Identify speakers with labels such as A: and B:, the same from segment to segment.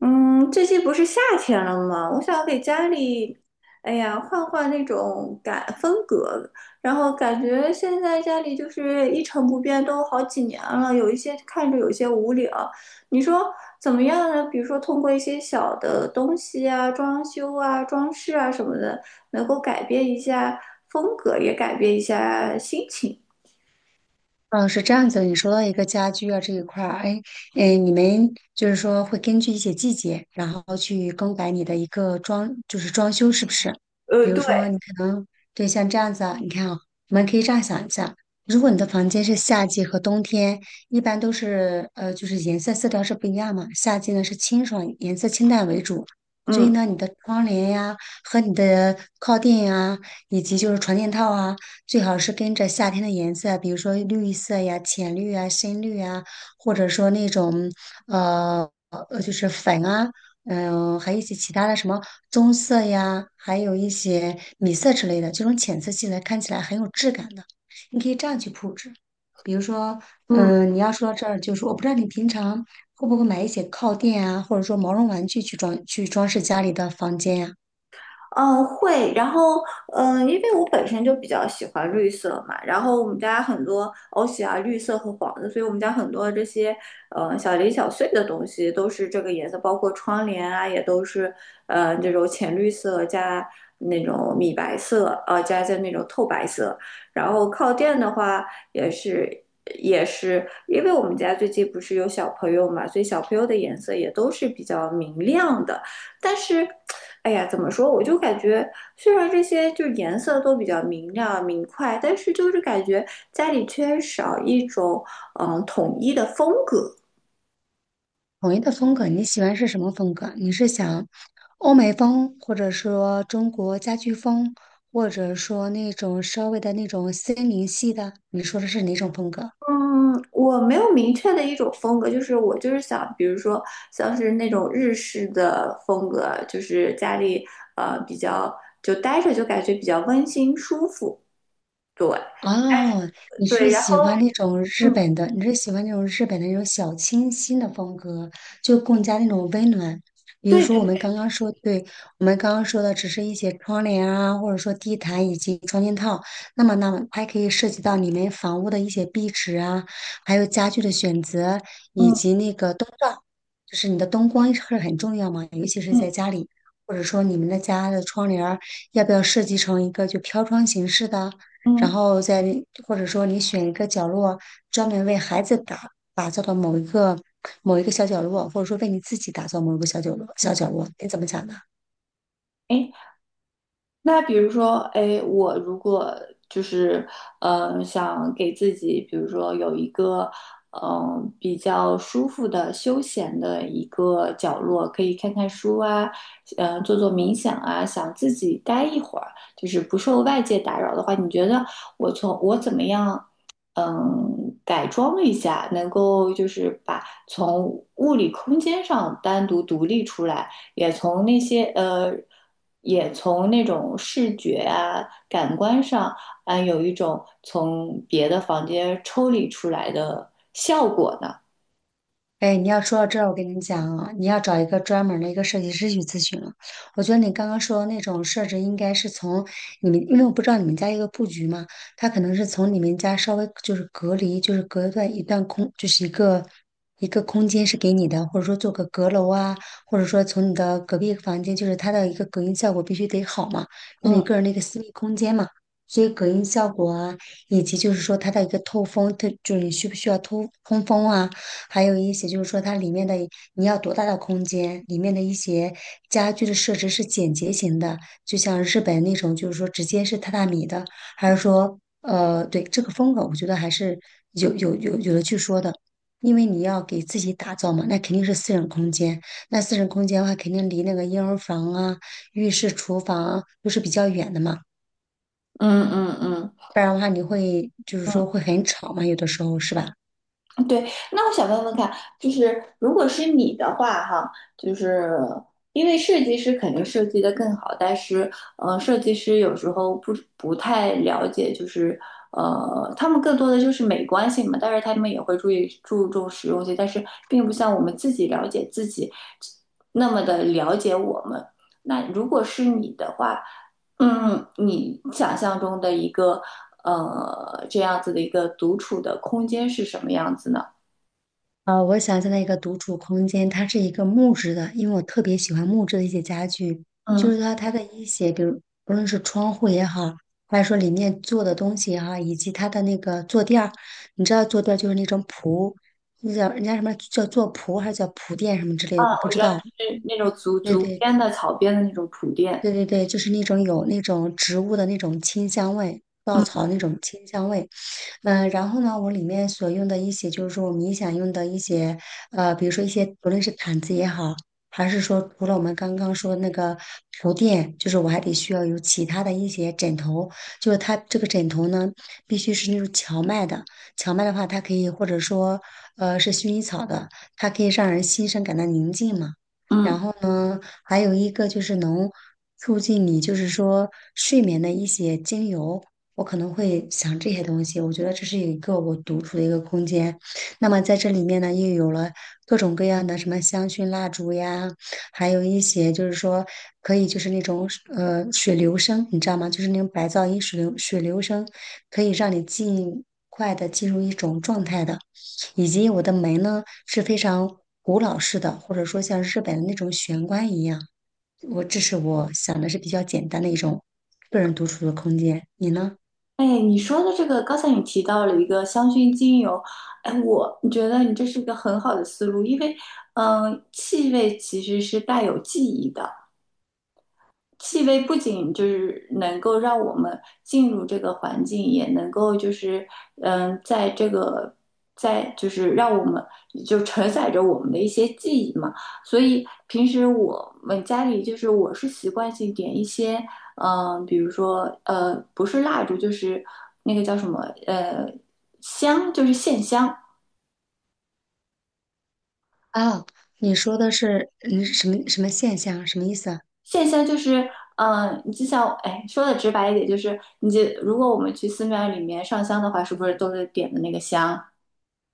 A: 嗯，最近不是夏天了吗？我想给家里，哎呀，换换那种感风格。然后感觉现在家里就是一成不变，都好几年了，有一些看着有些无聊。你说怎么样呢？比如说通过一些小的东西啊、装修啊、装饰啊什么的，能够改变一下风格，也改变一下心情。
B: 哦，是这样子的，你说到一个家居啊这一块儿，哎，哎，你们就是说会根据一些季节，然后去更改你的一个装，就是装修是不是？比如
A: 对，
B: 说，你可能对像这样子啊，你看啊，我们可以这样想一下，如果你的房间是夏季和冬天，一般都是就是颜色色调是不一样嘛。夏季呢是清爽，颜色清淡为主，所以
A: 嗯。
B: 呢，你的窗帘呀和你的靠垫呀，以及就是床垫套啊。最好是跟着夏天的颜色，比如说绿色呀、浅绿啊、深绿啊，或者说那种呃就是粉啊，嗯、还有一些其他的什么棕色呀，还有一些米色之类的，这种浅色系的看起来很有质感的，你可以这样去布置。比如说，
A: 嗯。
B: 嗯，你要说到这儿，就是我不知道你平常会不会买一些靠垫啊，或者说毛绒玩具去装饰家里的房间呀、
A: 嗯，会。然后，因为我本身就比较喜欢绿色嘛，然后我们家很多欧喜啊，绿色和黄色，所以我们家很多这些，小零小碎的东西都是这个颜色，包括窗帘啊，也都是，这种浅绿色加那种米白色，加那种透白色。然后靠垫的话，也是，也是，因为我们家最近不是有小朋友嘛，所以小朋友的颜色也都是比较明亮的。但是哎呀，怎么说？我就感觉，虽然这些就是颜色都比较明亮明快，但是就是感觉家里缺少一种统一的风格。
B: 统一的风格，你喜欢是什么风格？你是想欧美风，或者说中国家居风，或者说那种稍微的那种森林系的？你说的是哪种风格？
A: 嗯，我没有明确的一种风格，就是我就是想，比如说像是那种日式的风格，就是家里比较就待着就感觉比较温馨舒服。
B: 哦，你
A: 对，
B: 是
A: 然
B: 喜
A: 后
B: 欢那种日
A: 嗯，
B: 本的，你是喜欢那种日本的那种小清新的风格，就更加那种温暖。比如
A: 对
B: 说
A: 对
B: 我
A: 对，
B: 们刚刚说，对，我们刚刚说的只是一些窗帘啊，或者说地毯以及窗帘套，那么还可以涉及到你们房屋的一些壁纸啊，还有家具的选择，以
A: 嗯
B: 及那个灯罩，就是你的灯光是很重要嘛，尤其是
A: 嗯
B: 在家里，或者说你们的家的窗帘儿要不要设计成一个就飘窗形式的？然
A: 嗯，
B: 后在，或者说你选一个角落专门为孩子打造的某一个小角落，或者说为你自己打造某一个小角落，你怎么想的？
A: 哎，那比如说，哎，我如果就是想给自己，比如说有一个比较舒服的休闲的一个角落，可以看看书啊，做做冥想啊，想自己待一会儿，就是不受外界打扰的话，你觉得我从我怎么样？嗯，改装一下，能够就是把从物理空间上单独独立出来，也从那些也从那种视觉啊、感官上啊，有一种从别的房间抽离出来的效果呢。
B: 哎，你要说到这儿，我跟你讲啊，你要找一个专门儿的一个设计师去咨询了。我觉得你刚刚说的那种设置，应该是从你们，因为我不知道你们家一个布局嘛，它可能是从你们家稍微就是隔离，就是隔断一段空，就是一个空间是给你的，或者说做个阁楼啊，或者说从你的隔壁房间，就是它的一个隔音效果必须得好嘛，那你
A: 嗯
B: 个人的一个私密空间嘛。所以隔音效果啊，以及就是说它的一个透风，它就是你需不需要通通风啊？还有一些就是说它里面的你要多大的空间，里面的一些家具的设置是简洁型的，就像日本那种就是说直接是榻榻米的，还是说对这个风格，我觉得还是有的去说的。因为你要给自己打造嘛，那肯定是私人空间。那私人空间的话，肯定离那个婴儿房啊、浴室、厨房啊都是比较远的嘛，
A: 嗯嗯嗯。
B: 不然的话你会就是说会很吵嘛，有的时候是吧？
A: 对，那我想问问看，就是如果是你的话，哈，就是因为设计师肯定设计的更好，但是，设计师有时候不太了解，就是，他们更多的就是美观性嘛，但是他们也会注意注重实用性，但是并不像我们自己了解自己那么的了解我们。那如果是你的话，嗯，你想象中的一个，这样子的一个独处的空间是什么样子呢？
B: 啊，我想象的一个独处空间，它是一个木质的，因为我特别喜欢木质的一些家具，就
A: 嗯，
B: 是说，它的一些，比如不论是窗户也好，还是说里面做的东西也好，以及它的那个坐垫儿，你知道坐垫儿就是那种铺，那叫人家什么叫做铺还是叫铺垫什么之类的，我不
A: 我
B: 知
A: 觉得
B: 道。
A: 是那种竹
B: 对
A: 竹
B: 对
A: 编的草编的那种铺垫。
B: 对，就是那种有那种植物的那种清香味，稻
A: 嗯
B: 草那种清香味。嗯、然后呢，我里面所用的一些就是说我们冥想用的一些，呃，比如说一些不论是毯子也好，还是说除了我们刚刚说那个铺垫，就是我还得需要有其他的一些枕头，就是它这个枕头呢必须是那种荞麦的，荞麦的话它可以或者说是薰衣草的，它可以让人心生感到宁静嘛。
A: 嗯，
B: 嗯，还有一个就是能促进你就是说睡眠的一些精油，我可能会想这些东西。我觉得这是一个我独处的一个空间。那么在这里面呢，又有了各种各样的什么香薰蜡烛呀，还有一些就是说可以就是那种水流声，你知道吗？就是那种白噪音水流声，可以让你尽快的进入一种状态的。以及我的门呢是非常古老式的，或者说像日本的那种玄关一样。我这是我想的是比较简单的一种个人独处的空间。你呢？
A: 哎，你说的这个，刚才你提到了一个香薰精油，哎，我觉得你这是一个很好的思路，因为嗯，气味其实是带有记忆的。气味不仅就是能够让我们进入这个环境，也能够就是嗯，在这个在就是让我们就承载着我们的一些记忆嘛。所以平时我们家里就是我是习惯性点一些嗯，比如说不是蜡烛就是那个叫什么呃香，就是线香。
B: 啊，你说的是嗯什么现象？什么意思啊？
A: 线香就是，你就像，哎，说的直白一点，就是你就如果我们去寺庙里面上香的话，是不是都是点的那个香？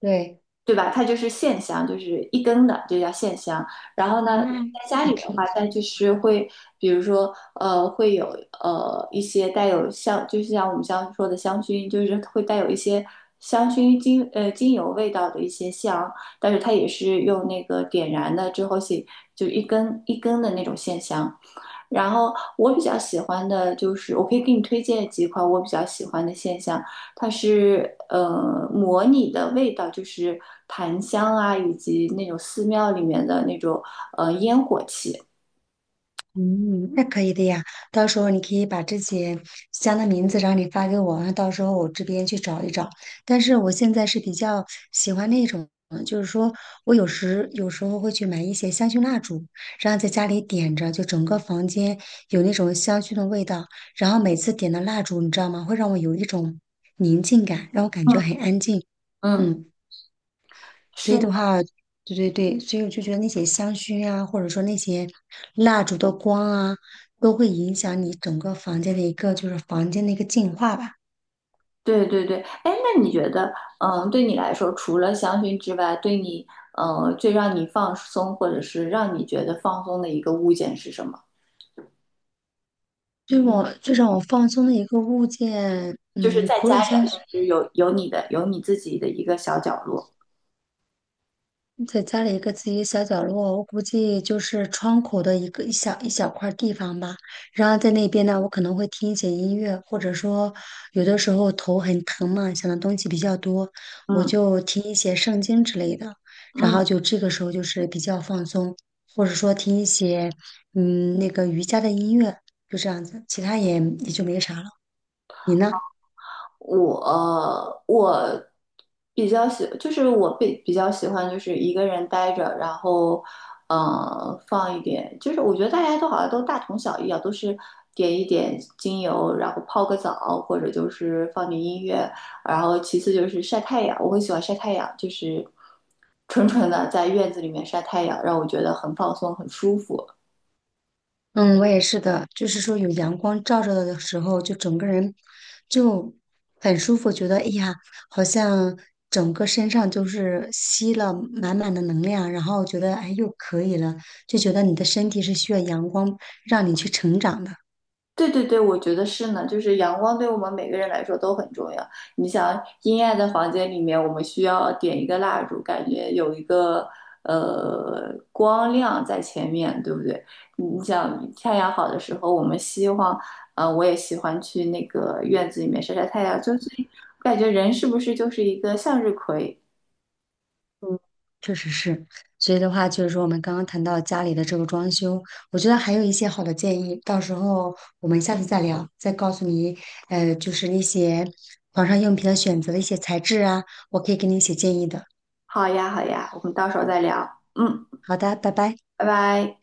B: 对
A: 对吧？它就是线香，就是一根的，就叫线香。然后呢，
B: 嗯，
A: 在家里的
B: ，OK。
A: 话，它就是会，比如说，会有一些带有香，就是像我们刚刚说的香薰，就是会带有一些香薰精呃精油味道的一些香，但是它也是用那个点燃的之后是就一根一根的那种线香。然后我比较喜欢的就是，我可以给你推荐几款我比较喜欢的线香。它是模拟的味道，就是檀香啊，以及那种寺庙里面的那种烟火气。
B: 嗯，那可以的呀。到时候你可以把这些香的名字，然后你发给我，然后到时候我这边去找一找。但是我现在是比较喜欢那种，嗯就是说我有时候会去买一些香薰蜡烛，然后在家里点着，就整个房间有那种香薰的味道。然后每次点的蜡烛，你知道吗？会让我有一种宁静感，让我感觉
A: 嗯，
B: 很安静。
A: 嗯，
B: 嗯。所以
A: 是吗？
B: 的话，对对对，所以我就觉得那些香薰啊，或者说那些蜡烛的光啊，都会影响你整个房间的一个就是房间的一个净化吧。
A: 对对对。哎，那你觉得，嗯，对你来说，除了香薰之外，对你，最让你放松，或者是让你觉得放松的一个物件是什么？
B: 我最让我放松的一个物件，
A: 就是
B: 嗯，
A: 在
B: 除
A: 家
B: 了香
A: 里，
B: 薰，
A: 就是有你的，有你自己的一个小角落。
B: 在家里一个自己小角落，我估计就是窗口的一个一小块地方吧。然后在那边呢，我可能会听一些音乐，或者说有的时候头很疼嘛，想的东西比较多，我
A: 嗯
B: 就听一些圣经之类的。然
A: 嗯。
B: 后就这个时候就是比较放松，或者说听一些嗯那个瑜伽的音乐，就这样子，其他也也就没啥了。你呢？
A: 我比较喜，就是我比较喜欢就是一个人待着，然后放一点，就是我觉得大家都好像都大同小异啊，都是点一点精油，然后泡个澡，或者就是放点音乐，然后其次就是晒太阳，我很喜欢晒太阳，就是纯纯的在院子里面晒太阳，让我觉得很放松，很舒服。
B: 嗯，我也是的，就是说有阳光照着的时候，就整个人就很舒服，觉得哎呀，好像整个身上就是吸了满满的能量，然后觉得哎又可以了，就觉得你的身体是需要阳光让你去成长的。
A: 对对对，我觉得是呢，就是阳光对我们每个人来说都很重要。你想，阴暗的房间里面，我们需要点一个蜡烛，感觉有一个光亮在前面，对不对？你你想，太阳好的时候，我们希望，我也喜欢去那个院子里面晒晒太阳，就是我感觉人是不是就是一个向日葵？
B: 确实是，所以的话就是说，我们刚刚谈到家里的这个装修，我觉得还有一些好的建议，到时候我们下次再聊，再告诉你，呃，就是一些床上用品的选择的一些材质啊，我可以给你一些建议的。
A: 好呀，好呀，我们到时候再聊。嗯，
B: 好的，拜拜。
A: 拜拜。